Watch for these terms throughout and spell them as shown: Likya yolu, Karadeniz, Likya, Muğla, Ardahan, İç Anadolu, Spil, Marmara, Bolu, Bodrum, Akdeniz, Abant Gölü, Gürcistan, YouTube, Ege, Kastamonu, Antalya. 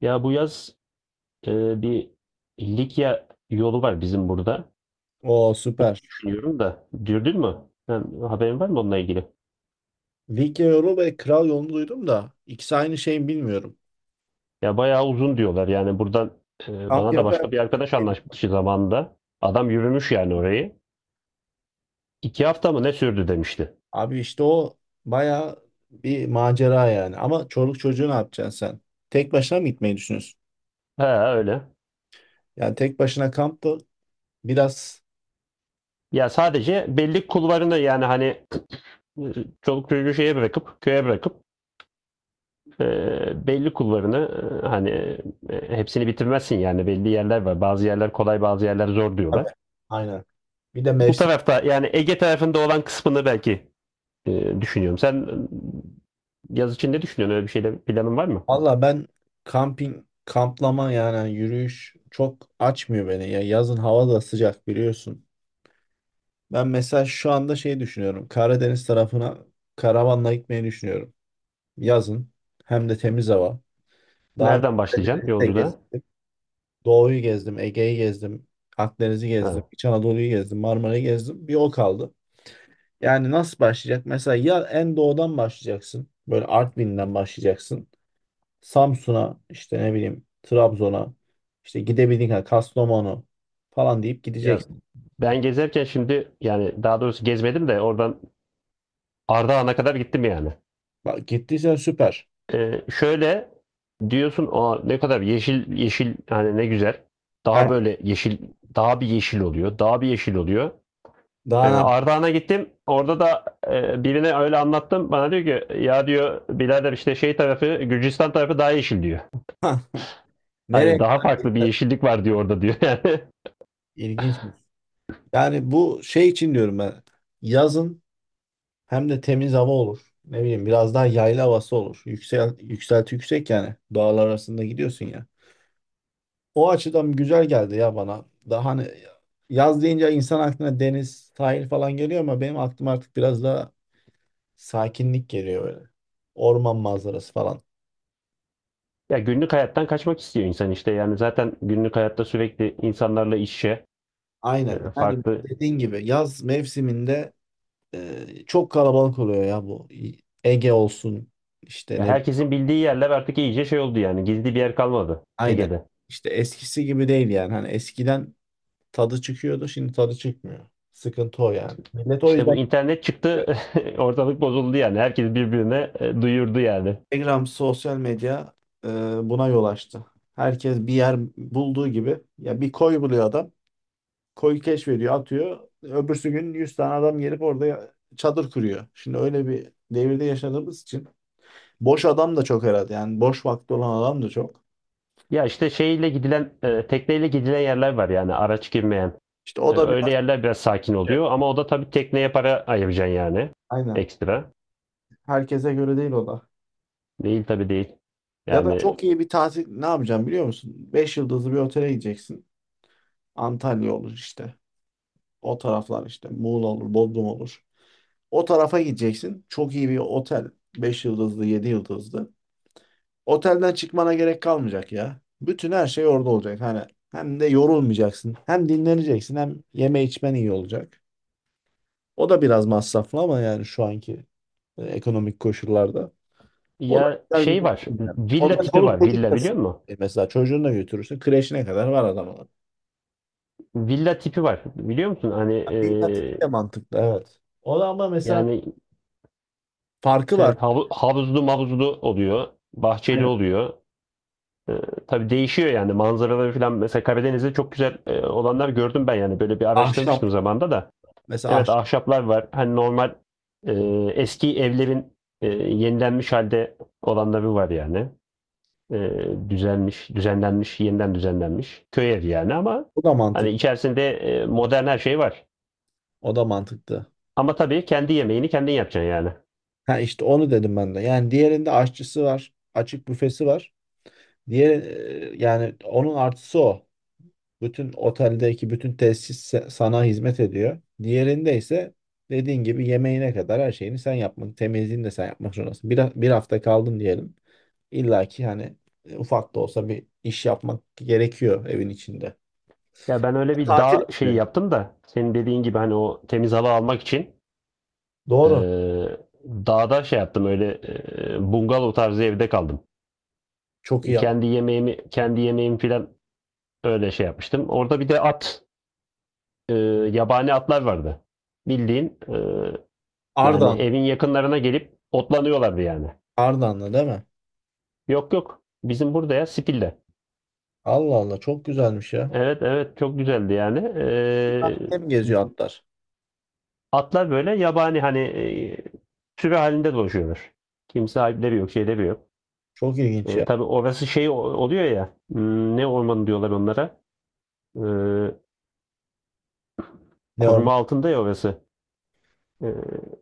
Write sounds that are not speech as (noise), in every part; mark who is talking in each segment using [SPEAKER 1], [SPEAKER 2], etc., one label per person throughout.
[SPEAKER 1] Ya bu yaz bir Likya yolu var bizim burada.
[SPEAKER 2] O süper.
[SPEAKER 1] Düşünüyorum da. Dürdün mü? Sen, haberin var mı onunla ilgili?
[SPEAKER 2] Lig yolu ve kral yolunu duydum da ikisi aynı şey mi bilmiyorum.
[SPEAKER 1] Ya bayağı uzun diyorlar. Yani buradan
[SPEAKER 2] Kamp
[SPEAKER 1] bana
[SPEAKER 2] galiba
[SPEAKER 1] da
[SPEAKER 2] yapar.
[SPEAKER 1] başka bir arkadaş anlaşmıştı zamanında. Adam yürümüş yani orayı. İki hafta mı ne sürdü demişti.
[SPEAKER 2] Abi işte o baya bir macera yani. Ama çoluk çocuğu ne yapacaksın sen? Tek başına mı gitmeyi düşünüyorsun?
[SPEAKER 1] He öyle.
[SPEAKER 2] Yani tek başına kamp da biraz.
[SPEAKER 1] Ya sadece belli kulvarını yani hani e, çoluk çocuğu şeye bırakıp köye bırakıp belli kulvarını e, hani hepsini bitirmezsin yani belli yerler var. Bazı yerler kolay bazı yerler zor
[SPEAKER 2] Tabii.
[SPEAKER 1] diyorlar.
[SPEAKER 2] Aynen. Bir de
[SPEAKER 1] Bu
[SPEAKER 2] mevsim.
[SPEAKER 1] tarafta yani Ege tarafında olan kısmını belki düşünüyorum. Sen yaz için ne düşünüyorsun? Öyle bir şeyle planın var mı?
[SPEAKER 2] Valla ben kamping, kamplama yani hani yürüyüş çok açmıyor beni. Ya yazın hava da sıcak biliyorsun. Ben mesela şu anda şey düşünüyorum. Karadeniz tarafına karavanla gitmeyi düşünüyorum. Yazın. Hem de temiz hava. Daha önce
[SPEAKER 1] Nereden başlayacaksın
[SPEAKER 2] Karadeniz'de
[SPEAKER 1] yolculuğa?
[SPEAKER 2] gezdim. Doğu'yu gezdim, Ege'yi gezdim, Akdeniz'i gezdim,
[SPEAKER 1] Ha.
[SPEAKER 2] İç Anadolu'yu gezdim, Marmara'yı gezdim. Bir o kaldı. Yani nasıl başlayacak? Mesela ya en doğudan başlayacaksın. Böyle Artvin'den başlayacaksın. Samsun'a, işte ne bileyim, Trabzon'a, işte gidebildiğin kadar Kastamonu falan deyip
[SPEAKER 1] Ya
[SPEAKER 2] gideceksin.
[SPEAKER 1] ben gezerken şimdi yani daha doğrusu gezmedim de oradan Ardahan'a kadar gittim yani.
[SPEAKER 2] Bak gittiysen süper.
[SPEAKER 1] Şöyle diyorsun o ne kadar yeşil yeşil hani ne güzel.
[SPEAKER 2] Yani
[SPEAKER 1] Daha böyle yeşil daha bir yeşil oluyor. Daha bir yeşil oluyor.
[SPEAKER 2] daha
[SPEAKER 1] Ardahan'a gittim. Orada da birine öyle anlattım. Bana diyor ki ya diyor birader işte şey tarafı Gürcistan tarafı daha yeşil diyor.
[SPEAKER 2] ne- (laughs)
[SPEAKER 1] Hani
[SPEAKER 2] Nereye?
[SPEAKER 1] daha farklı bir yeşillik var diyor orada diyor yani. (laughs)
[SPEAKER 2] İlginç. Yani bu şey için diyorum ben. Yazın. Hem de temiz hava olur. Ne bileyim biraz daha yayla havası olur. Yükselti yüksek yani. Dağlar arasında gidiyorsun ya. O açıdan güzel geldi ya bana. Daha hani yaz deyince insan aklına deniz, sahil falan geliyor ama benim aklıma artık biraz daha sakinlik geliyor böyle. Orman manzarası falan.
[SPEAKER 1] Ya günlük hayattan kaçmak istiyor insan işte yani zaten günlük hayatta sürekli insanlarla iç içe
[SPEAKER 2] Aynen. Yani
[SPEAKER 1] farklı.
[SPEAKER 2] dediğin gibi yaz mevsiminde çok kalabalık oluyor ya bu. Ege olsun işte ne
[SPEAKER 1] Ya
[SPEAKER 2] bileyim.
[SPEAKER 1] herkesin bildiği yerler artık iyice şey oldu yani gizli bir yer kalmadı
[SPEAKER 2] Aynen.
[SPEAKER 1] Ege'de.
[SPEAKER 2] İşte eskisi gibi değil yani. Hani eskiden tadı çıkıyordu, şimdi tadı çıkmıyor. Sıkıntı o yani. Millet o
[SPEAKER 1] İşte
[SPEAKER 2] yüzden
[SPEAKER 1] bu internet
[SPEAKER 2] gidiyor.
[SPEAKER 1] çıktı, (laughs) ortalık bozuldu yani. Herkes birbirine duyurdu yani.
[SPEAKER 2] Instagram, sosyal medya e, buna yol açtı. Herkes bir yer bulduğu gibi ya bir koy buluyor adam. Koyu keşfediyor, atıyor. Öbürsü gün 100 tane adam gelip orada çadır kuruyor. Şimdi öyle bir devirde yaşadığımız için boş adam da çok herhalde. Yani boş vakti olan adam da çok.
[SPEAKER 1] Ya işte şeyle gidilen, tekneyle gidilen yerler var yani araç girmeyen.
[SPEAKER 2] İşte o da bir.
[SPEAKER 1] Öyle yerler biraz sakin oluyor ama o da tabii tekneye para ayıracaksın yani
[SPEAKER 2] Aynen.
[SPEAKER 1] ekstra.
[SPEAKER 2] Herkese göre değil o da.
[SPEAKER 1] Değil tabii değil.
[SPEAKER 2] Ya da
[SPEAKER 1] Yani
[SPEAKER 2] çok iyi bir tatil ne yapacağım biliyor musun? 5 yıldızlı bir otele gideceksin. Antalya olur işte. O taraflar işte Muğla olur, Bodrum olur. O tarafa gideceksin. Çok iyi bir otel, 5 yıldızlı, 7 yıldızlı. Otelden çıkmana gerek kalmayacak ya. Bütün her şey orada olacak. Hani hem de yorulmayacaksın. Hem dinleneceksin hem yeme içmen iyi olacak. O da biraz masraflı ama yani şu anki ekonomik koşullarda. O da
[SPEAKER 1] ya
[SPEAKER 2] güzel bir
[SPEAKER 1] şey
[SPEAKER 2] şey.
[SPEAKER 1] var, villa
[SPEAKER 2] Ondan
[SPEAKER 1] tipi
[SPEAKER 2] çoluk
[SPEAKER 1] var.
[SPEAKER 2] çocuk
[SPEAKER 1] Villa
[SPEAKER 2] da
[SPEAKER 1] biliyor musun?
[SPEAKER 2] mesela çocuğunu da götürürsün. Kreşine kadar var adamın.
[SPEAKER 1] Villa tipi var. Biliyor musun? Hani e,
[SPEAKER 2] Bir katı bir de mantıklı, evet. O da ama mesela
[SPEAKER 1] yani
[SPEAKER 2] farkı var.
[SPEAKER 1] evet, havuzlu mavuzlu oluyor, bahçeli
[SPEAKER 2] Aynen.
[SPEAKER 1] oluyor. Ee, tabii değişiyor yani manzaraları falan. Mesela Karadeniz'de çok güzel olanlar gördüm ben yani. Böyle bir
[SPEAKER 2] Ahşap.
[SPEAKER 1] araştırmıştım zamanda da.
[SPEAKER 2] Mesela
[SPEAKER 1] Evet
[SPEAKER 2] aşçı.
[SPEAKER 1] ahşaplar var. Hani normal e, eski evlerin yenilenmiş halde olanları var yani. E, Düzelmiş, düzenlenmiş, yeniden düzenlenmiş. Köy evi yani ama
[SPEAKER 2] Bu da
[SPEAKER 1] hani
[SPEAKER 2] mantık.
[SPEAKER 1] içerisinde modern her şey var.
[SPEAKER 2] O da mantıklı.
[SPEAKER 1] Ama tabii kendi yemeğini kendin yapacaksın yani.
[SPEAKER 2] Ha işte onu dedim ben de. Yani diğerinde aşçısı var. Açık büfesi var. Diğer yani onun artısı o. Bütün oteldeki bütün tesis sana hizmet ediyor. Diğerinde ise dediğin gibi yemeğine kadar her şeyini sen yapmak, temizliğini de sen yapmak zorundasın. Bir hafta kaldın diyelim. İlla ki hani ufak da olsa bir iş yapmak gerekiyor evin içinde.
[SPEAKER 1] Ya ben öyle bir
[SPEAKER 2] Tatil
[SPEAKER 1] dağ şeyi
[SPEAKER 2] gibi.
[SPEAKER 1] yaptım da senin dediğin gibi hani o temiz hava almak için
[SPEAKER 2] Doğru.
[SPEAKER 1] Eee, dağda şey yaptım öyle bungalov tarzı evde kaldım.
[SPEAKER 2] Çok iyi yap.
[SPEAKER 1] Kendi yemeğimi filan öyle şey yapmıştım. Orada bir de at eee, yabani atlar vardı. Bildiğin yani
[SPEAKER 2] Ardahan.
[SPEAKER 1] evin yakınlarına gelip otlanıyorlardı yani.
[SPEAKER 2] Ardahan'la değil mi?
[SPEAKER 1] Yok yok bizim burada ya Spil'de.
[SPEAKER 2] Allah Allah çok güzelmiş ya.
[SPEAKER 1] Evet evet çok güzeldi yani.
[SPEAKER 2] Hem geziyor atlar.
[SPEAKER 1] Atlar böyle yabani hani sürü halinde dolaşıyorlar. Kimse sahipleri yok şeyleri yok.
[SPEAKER 2] Çok ilginç ya.
[SPEAKER 1] Tabii orası şey oluyor ya. Ne ormanı diyorlar onlara? Ee,
[SPEAKER 2] Ne onlar?
[SPEAKER 1] Koruma altında ya orası. Ee,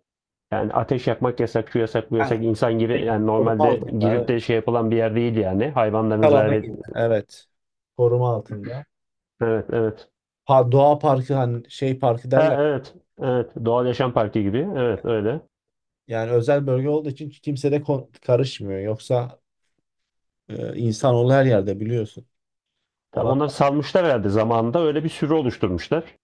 [SPEAKER 1] Yani ateş yakmak yasak, şu yasak, bu
[SPEAKER 2] Yani
[SPEAKER 1] yasak. İnsan yani
[SPEAKER 2] koruma
[SPEAKER 1] normalde
[SPEAKER 2] altında,
[SPEAKER 1] girip de
[SPEAKER 2] evet.
[SPEAKER 1] şey yapılan bir yer değil yani.
[SPEAKER 2] Kalana gibi. Evet. Koruma altında.
[SPEAKER 1] Evet, evet.
[SPEAKER 2] Doğa parkı hani şey parkı
[SPEAKER 1] Ha,
[SPEAKER 2] derler.
[SPEAKER 1] evet, evet. Doğal Yaşam Parkı gibi. Evet, öyle.
[SPEAKER 2] Yani özel bölge olduğu için kimse de karışmıyor. Yoksa insanoğlu her yerde biliyorsun. Orada.
[SPEAKER 1] Onlar salmışlar herhalde zamanında. Öyle bir sürü oluşturmuşlar.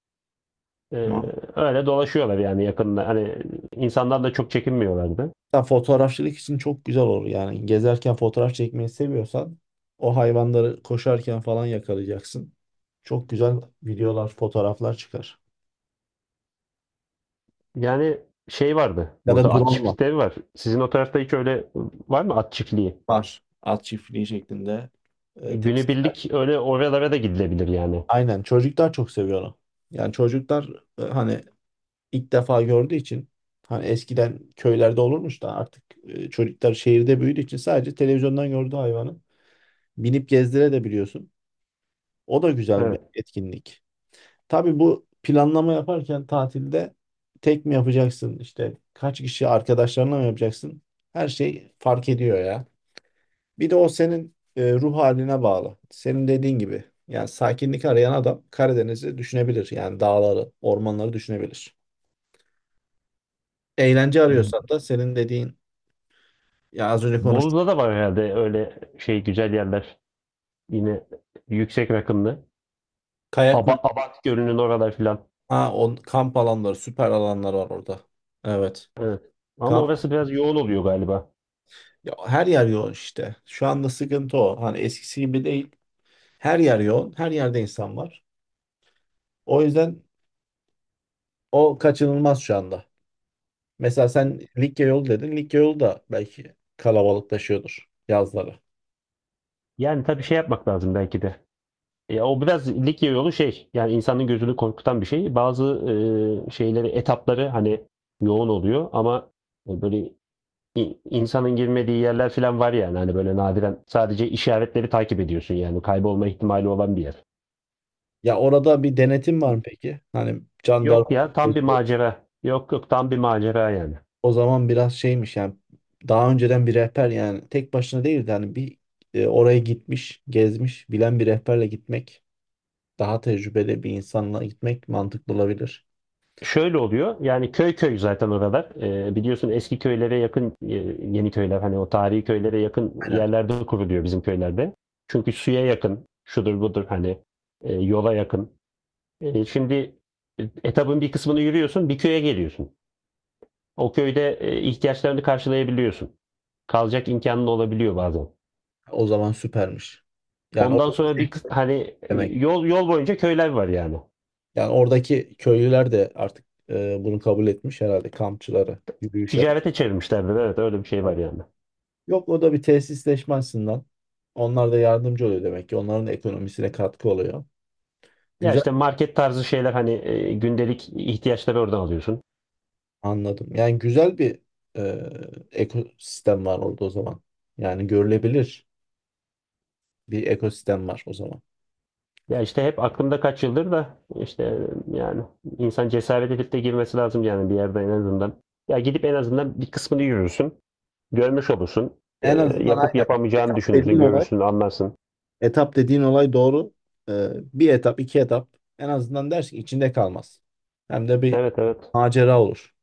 [SPEAKER 1] Ee, Öyle dolaşıyorlar yani yakında. Hani insanlar da çok çekinmiyorlardı.
[SPEAKER 2] Hatta fotoğrafçılık için çok güzel olur. Yani gezerken fotoğraf çekmeyi seviyorsan o hayvanları koşarken falan yakalayacaksın. Çok güzel videolar, fotoğraflar çıkar.
[SPEAKER 1] Yani şey vardı.
[SPEAKER 2] Ya da
[SPEAKER 1] Burada at
[SPEAKER 2] drone.
[SPEAKER 1] çiftlikleri var. Sizin o tarafta hiç öyle var mı at çiftliği?
[SPEAKER 2] Var. At çiftliği şeklinde. Tesisler.
[SPEAKER 1] Günübirlik öyle oralara da gidilebilir yani.
[SPEAKER 2] Aynen. Çocuklar çok seviyor onu. Yani çocuklar hani ilk defa gördüğü için hani eskiden köylerde olurmuş da artık çocuklar şehirde büyüdüğü için sadece televizyondan gördüğü hayvanı binip gezdire de biliyorsun. O da güzel bir
[SPEAKER 1] Evet.
[SPEAKER 2] etkinlik. Tabii bu planlama yaparken tatilde tek mi yapacaksın işte kaç kişi arkadaşlarına mı yapacaksın? Her şey fark ediyor ya. Bir de o senin ruh haline bağlı. Senin dediğin gibi. Yani sakinlik arayan adam Karadeniz'i düşünebilir. Yani dağları, ormanları düşünebilir. Eğlence arıyorsan da senin dediğin ya az önce konuştuk.
[SPEAKER 1] Bolu'da da var herhalde öyle şey güzel yerler. Yine yüksek rakımlı.
[SPEAKER 2] Kayak mı?
[SPEAKER 1] Abant Gölü'nün oralar filan.
[SPEAKER 2] Ha, kamp alanları, süper alanlar var orada. Evet.
[SPEAKER 1] Evet. Ama
[SPEAKER 2] Kamp.
[SPEAKER 1] orası biraz yoğun oluyor galiba.
[SPEAKER 2] Ya her yer yoğun işte. Şu anda sıkıntı o. Hani eskisi gibi değil. Her yer yoğun. Her yerde insan var. O yüzden o kaçınılmaz şu anda. Mesela sen Likya yolu dedin. Likya yolu da belki kalabalıklaşıyordur yazları.
[SPEAKER 1] Yani tabii şey yapmak lazım belki de. Ya o biraz lig yolu şey yani insanın gözünü korkutan bir şey. Bazı şeyleri etapları hani yoğun oluyor ama böyle insanın girmediği yerler falan var yani hani böyle nadiren sadece işaretleri takip ediyorsun yani kaybolma ihtimali olan bir yer.
[SPEAKER 2] Ya orada bir denetim var mı peki? Hani
[SPEAKER 1] Yok
[SPEAKER 2] jandarma
[SPEAKER 1] ya tam bir macera. Yok yok tam bir macera yani.
[SPEAKER 2] o zaman biraz şeymiş yani daha önceden bir rehber yani tek başına değil de hani bir oraya gitmiş, gezmiş, bilen bir rehberle gitmek, daha tecrübeli bir insanla gitmek mantıklı olabilir.
[SPEAKER 1] Şöyle oluyor. Yani köy köy zaten oralar. Biliyorsun eski köylere yakın yeni köyler hani o tarihi köylere yakın
[SPEAKER 2] Aynen.
[SPEAKER 1] yerlerde kuruluyor bizim köylerde. Çünkü suya yakın, şudur budur hani yola yakın. Şimdi etabın bir kısmını yürüyorsun, bir köye geliyorsun. O köyde ihtiyaçlarını karşılayabiliyorsun. Kalacak imkanın olabiliyor bazen.
[SPEAKER 2] O zaman süpermiş. Yani o
[SPEAKER 1] Ondan sonra hani
[SPEAKER 2] demek.
[SPEAKER 1] yol yol boyunca köyler var yani.
[SPEAKER 2] Yani oradaki köylüler de artık bunu kabul etmiş herhalde kampçıları yürüyüş yap.
[SPEAKER 1] Ticarete çevirmişlerdir. Evet öyle bir şey var yani.
[SPEAKER 2] Yok o da bir tesisleşme açısından. Onlar da yardımcı oluyor demek ki. Onların da ekonomisine katkı oluyor.
[SPEAKER 1] Ya
[SPEAKER 2] Güzel.
[SPEAKER 1] işte market tarzı şeyler hani gündelik ihtiyaçları oradan alıyorsun.
[SPEAKER 2] Anladım. Yani güzel bir ekosistem var orada o zaman. Yani görülebilir bir ekosistem var o zaman.
[SPEAKER 1] Ya işte hep aklımda kaç yıldır da işte e, yani insan cesaret edip de girmesi lazım yani bir yerde en azından. Ya gidip en azından bir kısmını yürürsün. Görmüş olursun.
[SPEAKER 2] En azından
[SPEAKER 1] Yapıp
[SPEAKER 2] aynen
[SPEAKER 1] yapamayacağını düşünürsün.
[SPEAKER 2] dediğin olay,
[SPEAKER 1] Görürsün, anlarsın.
[SPEAKER 2] etap dediğin olay doğru. E, bir etap, iki etap en azından dersin içinde kalmaz. Hem de bir
[SPEAKER 1] Evet evet.
[SPEAKER 2] macera olur.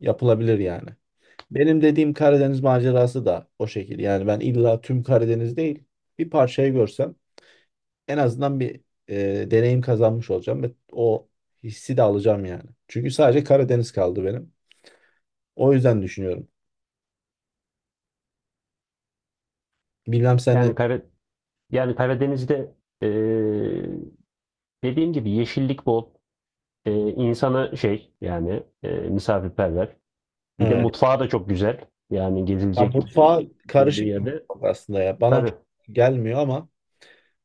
[SPEAKER 2] Yapılabilir yani. Benim dediğim Karadeniz macerası da o şekil. Yani ben illa tüm Karadeniz değil, bir parçayı görsem en azından bir deneyim kazanmış olacağım ve o hissi de alacağım yani. Çünkü sadece Karadeniz kaldı benim. O yüzden düşünüyorum. Bilmem sen ne.
[SPEAKER 1] Yani Kara, yani Karadeniz'de e, dediğim gibi yeşillik bol. İnsanı şey yani misafirperver. Bir de
[SPEAKER 2] Evet.
[SPEAKER 1] mutfağı da çok güzel. Yani
[SPEAKER 2] Ya
[SPEAKER 1] gezilecek
[SPEAKER 2] mutfağı
[SPEAKER 1] gördüğü
[SPEAKER 2] karışık bir
[SPEAKER 1] yerde.
[SPEAKER 2] mutfak aslında ya. Bana
[SPEAKER 1] Tabii.
[SPEAKER 2] çok gelmiyor ama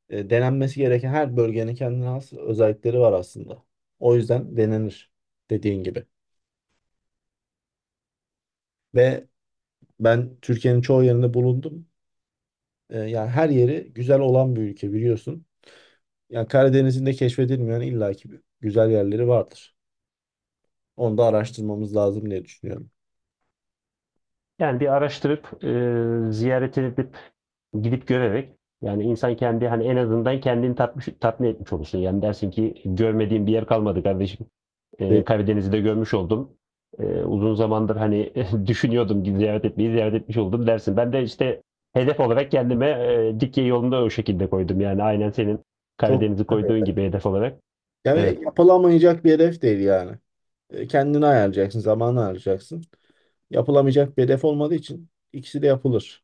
[SPEAKER 2] denenmesi gereken her bölgenin kendine has özellikleri var aslında. O yüzden denenir dediğin gibi. Ve ben Türkiye'nin çoğu yerinde bulundum. Yani her yeri güzel olan bir ülke biliyorsun. Yani Karadeniz'in de keşfedilmeyen illaki bir güzel yerleri vardır. Onu da araştırmamız lazım diye düşünüyorum.
[SPEAKER 1] Yani bir araştırıp ziyaret edip gidip görerek yani insan kendi hani en azından kendini tatmış, tatmin etmiş olursun. Yani dersin ki görmediğim bir yer kalmadı kardeşim.
[SPEAKER 2] Ve
[SPEAKER 1] Karadeniz'i de görmüş oldum. Uzun zamandır hani (laughs) düşünüyordum ki ziyaret etmeyi ziyaret etmiş oldum dersin. Ben de işte hedef olarak kendime Likya yolunda o şekilde koydum. Yani aynen senin
[SPEAKER 2] çok
[SPEAKER 1] Karadeniz'i
[SPEAKER 2] tabii.
[SPEAKER 1] koyduğun gibi hedef olarak.
[SPEAKER 2] Yani
[SPEAKER 1] Evet.
[SPEAKER 2] yapılamayacak bir hedef değil yani. Kendini ayarlayacaksın, zamanı ayarlayacaksın. Yapılamayacak bir hedef olmadığı için ikisi de yapılır.